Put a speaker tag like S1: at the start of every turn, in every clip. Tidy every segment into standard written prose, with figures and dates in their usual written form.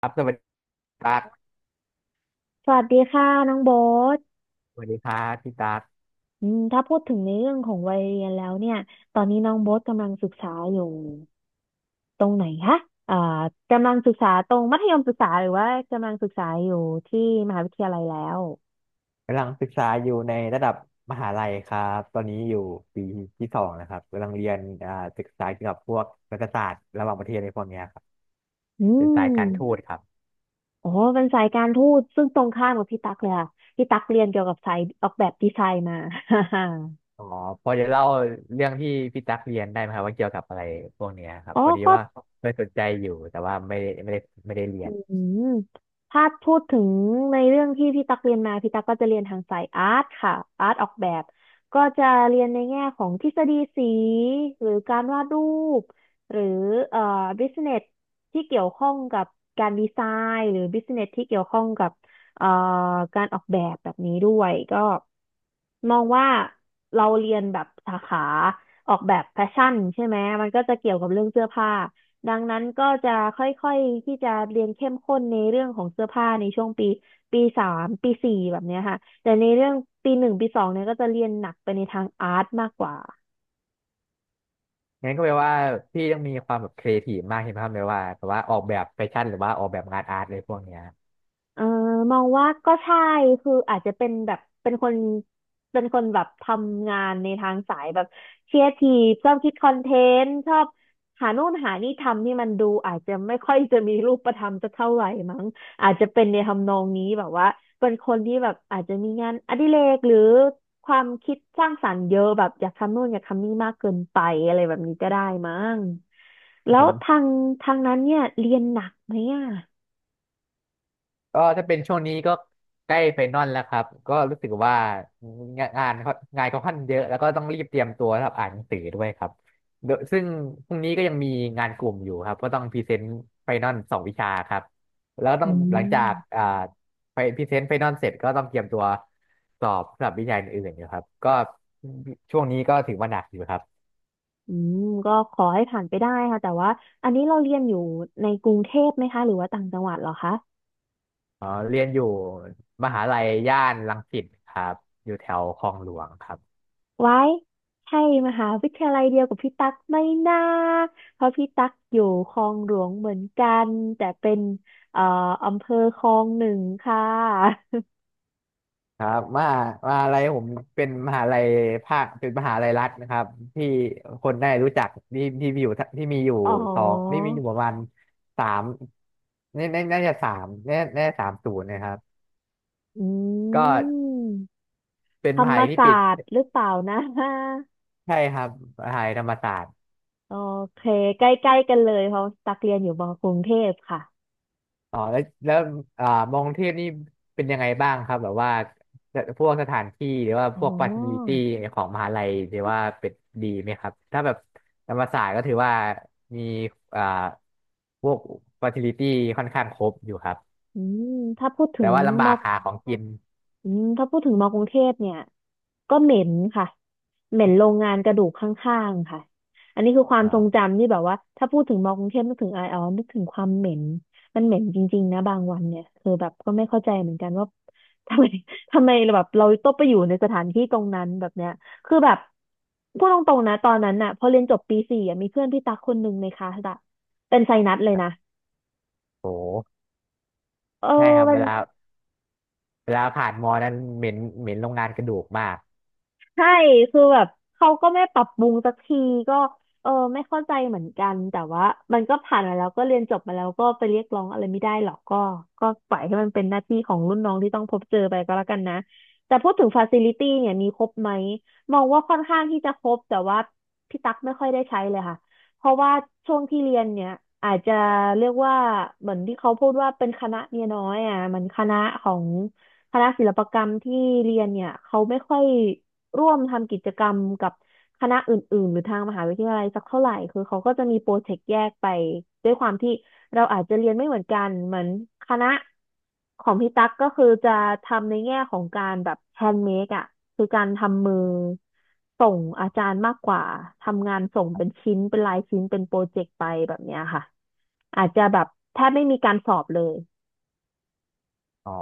S1: ครับสวัสดีตั๊ก
S2: สวัสดีค่ะน้องโบ๊ท
S1: สวัสดีครับพี่ตั๊ก
S2: ถ้าพูดถึงในเรื่องของวัยเรียนแล้วเนี่ยตอนนี้น้องโบ๊ทกำลังศึกษาอยู่ตรงไหนคะอ่ากำลังศึกษาตรงมัธยมศึกษาหรือว่ากำลังศึกษาอยู่ที่มหาวิทยาลัยแล้ว
S1: กำลังศึกษาอยู่ในระดับมหาลัยครับตอนนี้อยู่ปีที่สองนะครับกำลังเรียนศึกษาเกี่ยวกับพวกรัฐศาสตร์ระหว่างประเทศในพวกเนี้ยครับ
S2: อื
S1: เป็นสาย
S2: ม
S1: การทูตครับ
S2: โอ้เป็นสายการทูตซึ่งตรงข้ามกับพี่ตั๊กเลยค่ะพี่ตั๊กเรียนเกี่ยวกับสายออกแบบดีไซน์มา
S1: อ๋อพอจะเล่าเรื่องที่พี่ตั๊กเรียนได้ไหมครับว่าเกี่ยวกับอะไรพวกเนี้ยครับ
S2: อ๋อ
S1: พอดี
S2: ก็
S1: ว่าเคยสนใจอยู่แต่ว่าไม่ได้เรีย
S2: อื
S1: น
S2: มถ้าพูดถึงในเรื่องที่พี่ตักเรียนมาพี่ตักก็จะเรียนทางสายอาร์ตค่ะอาร์ตออกแบบก็จะเรียนในแง่ของทฤษฎีสีหรือการวาดรูปหรือเอ่อบิสเนสที่เกี่ยวข้องกับการดีไซน์หรือบิสเนสที่เกี่ยวข้องกับเอ่อการออกแบบแบบนี้ด้วยก็มองว่าเราเรียนแบบสาขาออกแบบแฟชั่นใช่ไหมมันก็จะเกี่ยวกับเรื่องเสื้อผ้า ดังนั้นก็จะค่อยๆที่จะเรียนเข้มข้นในเรื่องของเสื้อผ้าในช่วงปีปีสามปีสี่แบบเนี้ยค่ะแต่ในเรื่องปีหนึ่งปีสองเนี่ยก็จะเรียนหนักไปในทางอาร์ตมากกว่า
S1: งั้นก็แปลว่าพี่ต้องมีความแบบครีเอทีฟมากใช่ไหมครับแปลว่าแบบว่าออกแบบแฟชั่นหรือว่าออกแบบงานอาร์ตอะไรพวกเนี้ย
S2: เออมองว่าก็ใช่คืออาจจะเป็นแบบเป็นคนแบบทำงานในทางสายแบบเครีเอทีฟชอบคิดคอนเทนต์ชอบหานู่นหานี่ทำที่มันดูอาจจะไม่ค่อยจะมีรูปธรรมสักเท่าไหร่มั้งอาจจะเป็นในทำนองนี้แบบว่าเป็นคนที่แบบอาจจะมีงานอดิเรกหรือความคิดสร้างสรรค์เยอะแบบอยากทำนู่นอยากทำนี่มากเกินไปอะไรแบบนี้ก็ได้มั้งแล้
S1: ผ
S2: ว
S1: ม
S2: ทางนั้นเนี่ยเรียนหนักไหมอ่ะ
S1: ก็ถ้าเป็นช่วงนี้ก็ใกล้ไฟนอลแล้วครับก็รู้สึกว่างานเขาค่อนเยอะแล้วก็ต้องรีบเตรียมตัวสำหรับอ่านหนังสือด้วยครับโดยซึ่งพรุ่งนี้ก็ยังมีงานกลุ่มอยู่ครับก็ต้องพรีเซนต์ไฟนอลสองวิชาครับแล้วต้อง
S2: อื
S1: หลังจาก
S2: ม
S1: ไปพรีเซนต์ไฟนอลเสร็จก็ต้องเตรียมตัวสอบสำหรับวิชาอื่นๆอยู่ครับก็ช่วงนี้ก็ถือว่าหนักอยู่ครับ
S2: อืมก็ขอให้ผ่านไปได้ค่ะแต่ว่าอันนี้เราเรียนอยู่ในกรุงเทพไหมคะหรือว่าต่างจังหวัดเหรอคะ
S1: อ๋อเรียนอยู่มหาลัยย่านรังสิตครับอยู่แถวคลองหลวงครับ
S2: ไว้ใช่มหาวิทยาลัยเดียวกับพี่ตั๊กไม่น่าเพราะพี่ตั๊กอยู่คลองหลวงเหมือนกันแต่เป็นเอ่ออำเภอคลองหนึ่งค่ะ
S1: ครับมหาลัยผมเป็นมหาลัยภาคเป็นมหาลัยรัฐนะครับที่คนได้รู้จักที่มีอยู่
S2: อ๋อ
S1: สองที่มีอยู่ประมาณสามน่าน่าน่าจะสามน่าน่าจะสามศูนย์นะครับ
S2: อื
S1: ก็
S2: ม
S1: เป็น
S2: ธร
S1: ม
S2: ร
S1: หา
S2: ม
S1: ลัยที่
S2: ศา
S1: ปิด
S2: สตร์หรือเปล่านะ
S1: ใช่ครับมหาลัยธรรมศาสตร์
S2: โอเคใกล้ๆกันเลยเพราะตักเรียนอยู่มอกรุงเทพค่ะ
S1: อ๋อแล้วอ่ามองเทพนี่เป็นยังไงบ้างครับแบบว่าพวกสถานที่หรือว่า
S2: อ๋
S1: พวกฟาซิลิ
S2: อ
S1: ตี้ของมหาลัยหรือว่าเป็นดีไหมครับถ้าแบบธรรมศาสตร์ก็ถือว่ามีอ่าพวกฟาซิลิตี้ค่อนข้างครบอยู่ครับ
S2: อืมถ้าพูดถึ
S1: แต่
S2: ง
S1: ว่าลำบา
S2: ม
S1: กหาของกิน
S2: อืมถ้าพูดถึงมอกรุงเทพเนี่ยก็เหม็นค่ะเหม็นโรงงานกระดูกข้างๆค่ะอันนี้คือความทรง
S1: อ่า
S2: จำที่แบบว่าถ้าพูดถึงมอกรุงเทพนึกถึงไรออนึกถึงความเหม็นมันเหม็นจริงๆนะบางวันเนี่ยคือแบบก็ไม่เข้าใจเหมือนกันว่าทำไม ทำไมแบบเราต้องไปอยู่ในสถานที่ตรงนั้นแบบเนี้ยคือแบบพูดตรงๆนะตอนนั้นน่ะพอเรียนจบปีสี่อะมีเพื่อนพี่ตักคนหนึ่งในคลาสอะเป็นไซนัสเลยนะ
S1: โห
S2: เออ
S1: ใช่ครับ
S2: มั
S1: เว
S2: น
S1: ลาเวลาผ่านมอนั้นเหม็นเหม็นโรงงานกระดูกมาก
S2: ใช่คือแบบเขาก็ไม่ปรับปรุงสักทีก็เออไม่เข้าใจเหมือนกันแต่ว่ามันก็ผ่านมาแล้วก็เรียนจบมาแล้วก็ไปเรียกร้องอะไรไม่ได้หรอกก็ก็ปล่อยให้มันเป็นหน้าที่ของรุ่นน้องที่ต้องพบเจอไปก็แล้วกันนะแต่พูดถึงฟาซิลิตี้เนี่ยมีครบไหมมองว่าค่อนข้างที่จะครบแต่ว่าพี่ตั๊กไม่ค่อยได้ใช้เลยค่ะเพราะว่าช่วงที่เรียนเนี่ยอาจจะเรียกว่าเหมือนที่เขาพูดว่าเป็นคณะเมียน้อยอ่ะมันคณะของคณะศิลปกรรมที่เรียนเนี่ยเขาไม่ค่อย ร่วมทำกิจกรรมกับคณะอื่นๆหรือทางมหาวิทยาลัยสักเท่าไหร่คือเขาก็จะมีโปรเจกต์แยกไปด้วยความที่เราอาจจะเรียนไม่เหมือนกันเหมือนคณะของพี่ตั๊กก็คือจะทำในแง่ของการแบบแฮนด์เมดอ่ะคือการทำมือส่งอาจารย์มากกว่าทำงานส่งเป็นชิ้นเป็นลายชิ้นเป็นโปรเจกต์ไปแบบเนี้ยค่ะอาจจะแบบแทบไม่มีการสอบเลย
S1: อ๋อ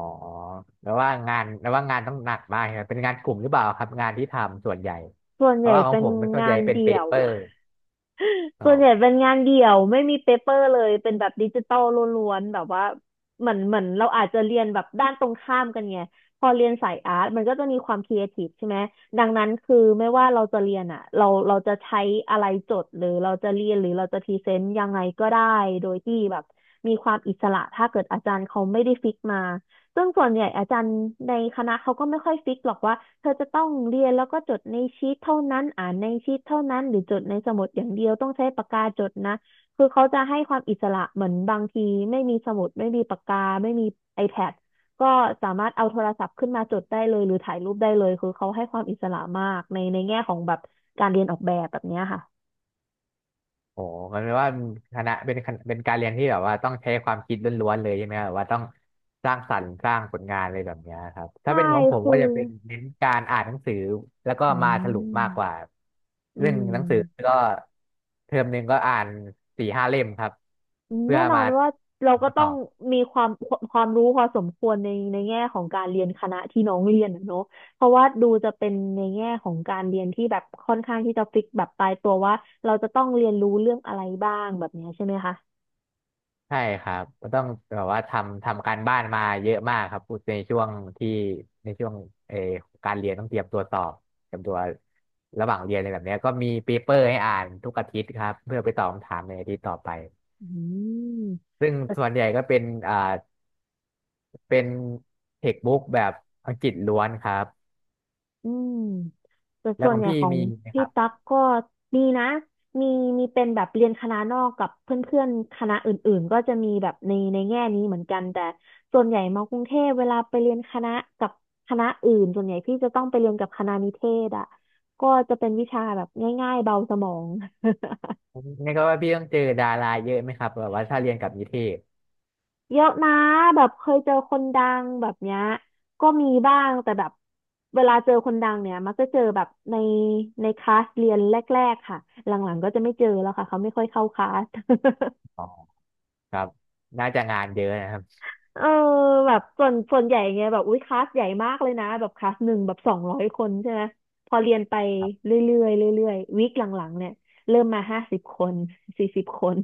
S1: แล้วว่างานต้องหนักมากใช่ไหมเป็นงานกลุ่มหรือเปล่าครับงานที่ทำส่วนใหญ่
S2: ส่วน
S1: เพ
S2: ให
S1: ราะ
S2: ญ่
S1: ว่าของ
S2: เป็น
S1: ผมมันส่วน
S2: งา
S1: ใหญ่
S2: น
S1: เป็นเป
S2: เดี่ยว
S1: เปอร์อ๋
S2: ส่
S1: อ
S2: วนใหญ่เป็นงานเดี่ยวไม่มีเปเปอร์เลยเป็นแบบดิจิตอลล้วนๆแบบว่าเหมือนเราอาจจะเรียนแบบด้านตรงข้ามกันไงพอเรียนสายอาร์ตมันก็จะมีความครีเอทีฟใช่ไหมดังนั้นคือไม่ว่าเราจะเรียนอ่ะเราจะใช้อะไรจดหรือเราจะเรียนหรือเราจะพรีเซนต์ยังไงก็ได้โดยที่แบบมีความอิสระถ้าเกิดอาจารย์เขาไม่ได้ฟิกมา ซึ่งส่วนใหญ่อาจารย์ในคณะเขาก็ไม่ค่อยฟิกหรอกว่าเธอจะต้องเรียนแล้วก็จดในชีทเท่านั้นอ่านในชีทเท่านั้นหรือจดในสมุดอย่างเดียวต้องใช้ปากกาจดนะคือเขาจะให้ความอิสระเหมือนบางทีไม่มีสมุดไม่มีปากกาไม่มี iPad ก็สามารถเอาโทรศัพท์ขึ้นมาจดได้เลยหรือถ่ายรูปได้เลยคือเขาให้ความอิสระมากในแง่ของแบบการเรียนออกแบบแบบเนี้ยค่ะ
S1: โอ้มันแปลว่าคณะเป็นการเรียนที่แบบว่าต้องใช้ความคิดล้วนๆเลยใช่ไหมครับแบบว่าต้องสร้างสรรค์สร้างผลงานอะไรแบบเนี้ยครับถ้า
S2: ใช่
S1: เป็นของผม
S2: คื
S1: ก็
S2: อ
S1: จะเป็นเน้นการอ่านหนังสือแล้วก็
S2: อื
S1: มาสรุป
S2: ม
S1: มากกว่า
S2: อื
S1: เรื่องห
S2: ม
S1: นังสือก็เทอมหนึ่งก็อ่านสี่ห้าเล่มครับเพื่
S2: แน่
S1: อ
S2: นอ
S1: มา
S2: นว่าเราก็
S1: มาต
S2: ต้อ
S1: อ
S2: ง
S1: บ
S2: มีความรู้พอสมควรในแง่ของการเรียนคณะที่น้องเรียนอะเนาะเพราะว่าดูจะเป็นในแง่ของการเรียนที่แบบค่อนข้างที่จะฟิกแบบตายตัวว่าเราจะต้องเรียนรู้เรื่องอะไรบ้างแบบเนี้ยใช่ไหมคะ
S1: ใช่ครับก็ต้องแบบว่าทำการบ้านมาเยอะมากครับในช่วงที่ในช่วงเออการเรียนต้องเตรียมตัวสอบเตรียมตัวระหว่างเรียนอะไรแบบเนี้ยก็มีเปเปอร์ให้อ่านทุกอาทิตย์ครับเพื่อไปตอบคำถามในอาทิตย์ต่อไป
S2: อืม
S1: ซึ่งส่วนใหญ่ก็เป็นอ่าเป็นเทคบุ๊กแบบอังกฤษล้วนครับ
S2: อืมแต่
S1: แล้
S2: ส่
S1: ว
S2: ว
S1: ข
S2: น
S1: อ
S2: ให
S1: ง
S2: ญ่
S1: พี่
S2: ของ
S1: มีไหมค
S2: พี่
S1: รับ
S2: ตั๊กก็มีนะมีมีเป็นแบบเรียนคณะนอกกับเพื่อนๆคณะอื่นๆก็จะมีแบบในในแง่นี้เหมือนกันแต่ส่วนใหญ่มากรุงเทพเวลาไปเรียนคณะกับคณะอื่นส่วนใหญ่พี่จะต้องไปเรียนกับคณะนิเทศอ่ะก็จะเป็นวิชาแบบง่ายๆเบาสมอง
S1: นี่ก็ว่าพี่ต้องเจอดาราเยอะไหมครับแบบว่าถ้าเรียนกับนิเทศ
S2: เยอะนะแบบเคยเจอคนดังแบบเนี้ยก็มีบ้างแต่แบบเวลาเจอคนดังเนี่ยมักจะเจอแบบในคลาสเรียนแรกๆค่ะหลังๆก็จะไม่เจอแล้วค่ะเขาไม่ค่อยเข้าคลาส
S1: อ๋อครับน่าจะงานเยอะนะครับ
S2: เออแบบส่วนใหญ่เงี้ยแบบอุ้ยคลาสใหญ่มากเลยนะแบบคลาสหนึ่งแบบ200 คนใช่ไหมพอเรียนไปเรื่อยๆเรื่อยๆวีคหลังๆเนี่ยเริ่มมา50 คน40 คน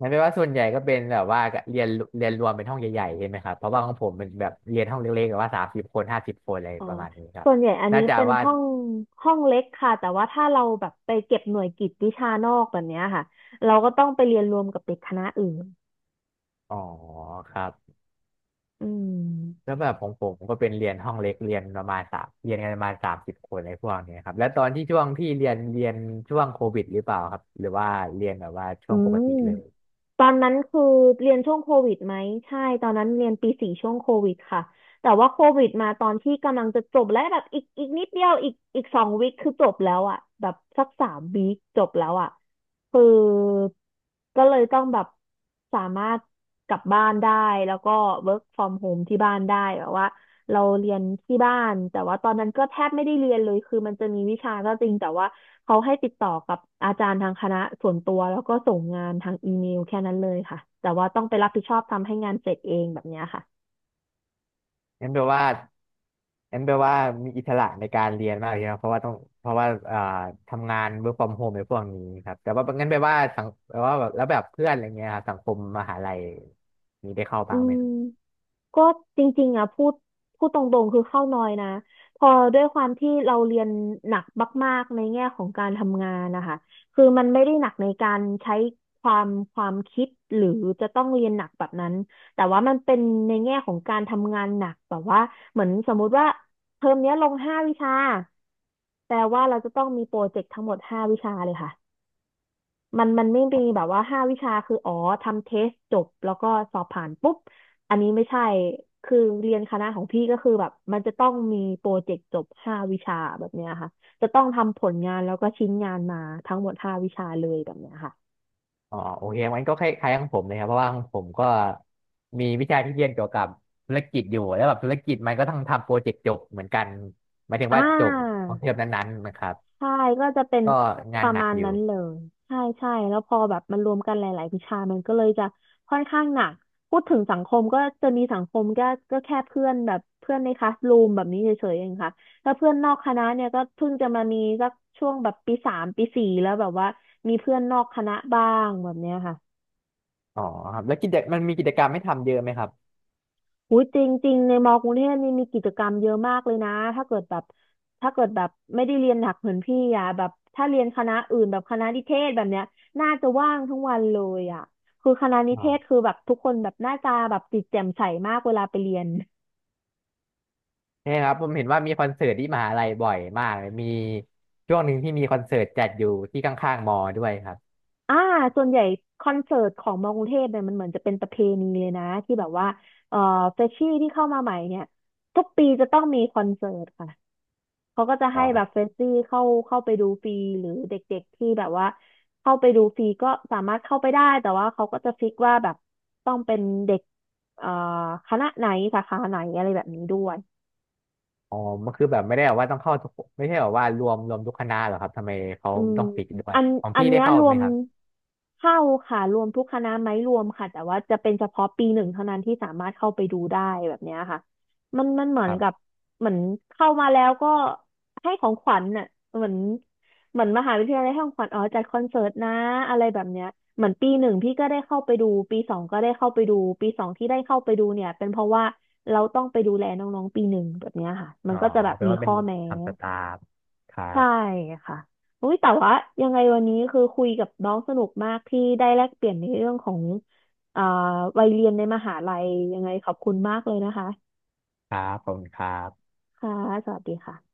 S1: มันเปลว่าส่วนใหญ่ก็เป็นแบบว่าเรียนเรียนรวมเป็นห้องใหญ่ๆใช่ไหมครับเพราะว่าของผมมันแบบเรียนห้องเล็กๆแบบว่าสามสิบคนห้าสิบคนอะไร
S2: อ๋อ
S1: ประมาณนี้ครับ
S2: ส่วนใหญ่อัน
S1: น่า
S2: นี้
S1: จะ
S2: เป็น
S1: ว่า
S2: ห้องเล็กค่ะ แต่ว่าถ้าเราแบบไปเก็บหน่วยกิตวิชานอกแบบเนี้ยค่ะ เราก็ต้องไปเรียนรวมกับเด็กคณะอื่น
S1: อ๋อครับ
S2: อื
S1: แล้
S2: ม
S1: วแบบของผมก็เป็นเรียนห้องเล็กเรียนประมาณสามเรียนกันประมาณสามสิบคนอะไรพวกเนี้ยครับแล้วตอนที่ช่วงที่เรียนช่วงโควิดหรือเปล่าครับหรือว่าเรียนแบบว่าช่
S2: อื
S1: วงปก
S2: ม
S1: ติเลย
S2: ตอนนั้นคือเรียนช่วงโควิดไหมใช่ตอนนั้นเรียนปีสี่ช่วงโควิดค่ะแต่ว่าโควิดมาตอนที่กำลังจะจบและแบบอีกนิดเดียวอีกสองวิคคือจบแล้วอ่ะแบบสักสามวีคจบแล้วอ่ะคือก็เลยต้องแบบสามารถกลับบ้านได้แล้วก็ work from home ที่บ้านได้แบบว่า เราเรียนที่บ้านแต่ว่าตอนนั้นก็แทบไม่ได้เรียนเลยคือมันจะมีวิชาก็จริงแต่ว่าเขาให้ติดต่อกับอาจารย์ทางคณะส่วนตัวแล้วก็ส่งงานทางอีเมลแค่นั้นเลยค่ะแต่ว่าต้องไปรับผิดชอบทำให้งานเสร็จเองแบบเนี้ยค่ะ
S1: งั้นแปลว่างั้นแปลว่ามีอิสระในการเรียนมากเลยนะเพราะว่าต้องเพราะว่าทำงาน work from home ในพวกนี้ครับแต่ว่างั้นแปลว่าสังแปลว่าแบบแล้วแบบเพื่อนอะไรเงี้ยครับสังคมมหาลัยมีได้เข้า
S2: อื
S1: บ้างไหมครับ
S2: มก็จริงๆอ่ะพูดตรงๆคือเข้าน้อยนะพอด้วยความที่เราเรียนหนักมากๆในแง่ของการทำงานนะคะคือมันไม่ได้หนักในการใช้ความคิดหรือจะต้องเรียนหนักแบบนั้นแต่ว่ามันเป็นในแง่ของการทำงานหนักแบบว่าเหมือนสมมุติว่าเทอมเนี้ยลงห้าวิชาแปลว่าเราจะต้องมีโปรเจกต์ทั้งหมดห้าวิชาเลยค่ะ มันไม่มีแบบว่าห้าวิชาคืออ๋อทำเทสจบแล้วก็สอบผ่านปุ๊บอันนี้ไม่ใช่คือเรียนคณะของพี่ก็คือแบบมันจะต้องมีโปรเจกต์จบห้าวิชาแบบเนี้ยค่ะจะต้องทำผลงานแล้วก็ชิ้นงานมาทั้งหมดห้าวิชาเลยแบบเนี้ยค่ะ
S1: อ๋อโอเคงั้นก็คล้ายๆของผมเลยครับเพราะว่าของผมก็มีวิชาที่เรียนเกี่ยวกับธุรกิจอยู่แล้วแบบธุรกิจมันก็ต้องทำโปรเจกต์จบเหมือนกันหมายถึงว่า
S2: อ่า
S1: จบของเทอมนั้นๆนะครับ
S2: ใช่ก็จะเป็น
S1: ก็
S2: ป
S1: งาน
S2: ระ
S1: หนั
S2: มา
S1: ก
S2: ณ
S1: อยู่
S2: นั้นเลยใช่ใช่แล้วพอแบบมันรวมกันหลายๆวิชามันก็เลยจะค่อนข้างหนักพูดถึงสังคมก็จะมีสังคมก็ก็แค่เพื่อนแบบเพื่อนในคลาสรูมแบบนี้เฉยๆ เองค่ะแล้วเพื่อนนอกคณะเนี่ยก็เพิ่งจะมามีสักช่วงแบบปีสามปีสี่แล้วแบบว่ามีเพื่อนนอกคณะบ้างแบบเนี้ยค่ะ
S1: อ๋อครับแล้วมันมีกิจกรรมให้ทำเยอะไหมครับ
S2: อุ้ยจริงๆในมอกรุงเทพนี่มีกิจกรรมเยอะมากเลยนะถ้าเกิดแบบถ้าเกิดแบบไม่ได้เรียนหนักเหมือนพี่อ่ะแบบถ้าเรียนคณะอื่นแบบคณะนิเทศแบบเนี้ยน่าจะว่างทั้งวันเลยอ่ะคือคณะนิเทศคือแบบทุกคนแบบหน้าตาแบบจิตแจ่มใสมากเวลาไปเรียน
S1: เนี่ยครับผมเห็นว่ามีคอนเสิร์ตที่มหาลัยบ่อยมากเลยมีช่วงหนึ่งที่มีคอนเสิร์ตจัดอยู่ที่ข้างๆมอด้วยครับ
S2: อ่าส่วนใหญ่คอนเสิร์ตของมอกรุงเทพเนี่ยมันเหมือนจะเป็นประเพณีเลยนะที่แบบว่าเอ่อเฟชชี่ที่เข้ามาใหม่เนี่ยทุกปีจะต้องมีคอนเสิร์ตค่ะ เขาก็จะ
S1: อ๋
S2: ให้แบบ
S1: อ
S2: เฟรชชี่เข้าไปดูฟรีหรือเด็กๆที่แบบว่าเข้าไปดูฟรีก็สามารถเข้าไปได้แต่ว่าเขาก็จะฟิกว่าแบบต้องเป็นเด็กเอ่อคณะไหนสาขาไหนอะไรแบบนี้ด้วย
S1: อ๋อมันคือแบบไม่ได้แบบว่าต้องเข้าทุกไม่ใช่แบบว่ารวมทุกคณะเหรอครับทำไมเขา
S2: อืม
S1: ต้องปิดด้วย
S2: อัน
S1: ของ
S2: อัน
S1: พี่ได้
S2: เนี้ย
S1: เข้า
S2: รว
S1: ไหม
S2: ม
S1: ครับ
S2: เข้าค่ะรวมทุกคณะไหมรวมค่ะแต่ว่าจะเป็นเฉพาะปีหนึ่งเท่านั้นที่สามารถเข้าไปดูได้แบบเนี้ยค่ะมันเหมื
S1: ค
S2: อน
S1: รั
S2: กับ
S1: บ
S2: เหมือนเข้ามาแล้วก็ให้ของขวัญน่ะเหมือนเหมือนมหาวิทยาลัยให้ของขวัญอ๋อจัดคอนเสิร์ตนะอะไรแบบเนี้ยเหมือนปีหนึ่งพี่ก็ได้เข้าไปดูปีสองก็ได้เข้าไปดูปีสองที่ได้เข้าไปดูเนี่ยเป็นเพราะว่าเราต้องไปดูแลน้องๆปีหนึ่งแบบเนี้ยค่ะมั
S1: อ๋
S2: น
S1: อ
S2: ก็จะแบบ
S1: แปล
S2: มี
S1: ว่าเป็
S2: ข้
S1: น
S2: อแม้
S1: ทำสตาฟครั
S2: ใช่
S1: บ
S2: ค่ะอุ้ยแต่ว่ายังไงวันนี้คือคุยกับน้องสนุกมากที่ได้แลกเปลี่ยนในเรื่องของอ่าวัยเรียนในมหาลัยยังไงขอบคุณมากเลยนะคะ
S1: ครับขอบคุณครับ
S2: ค่ะสวัสดีค่ะ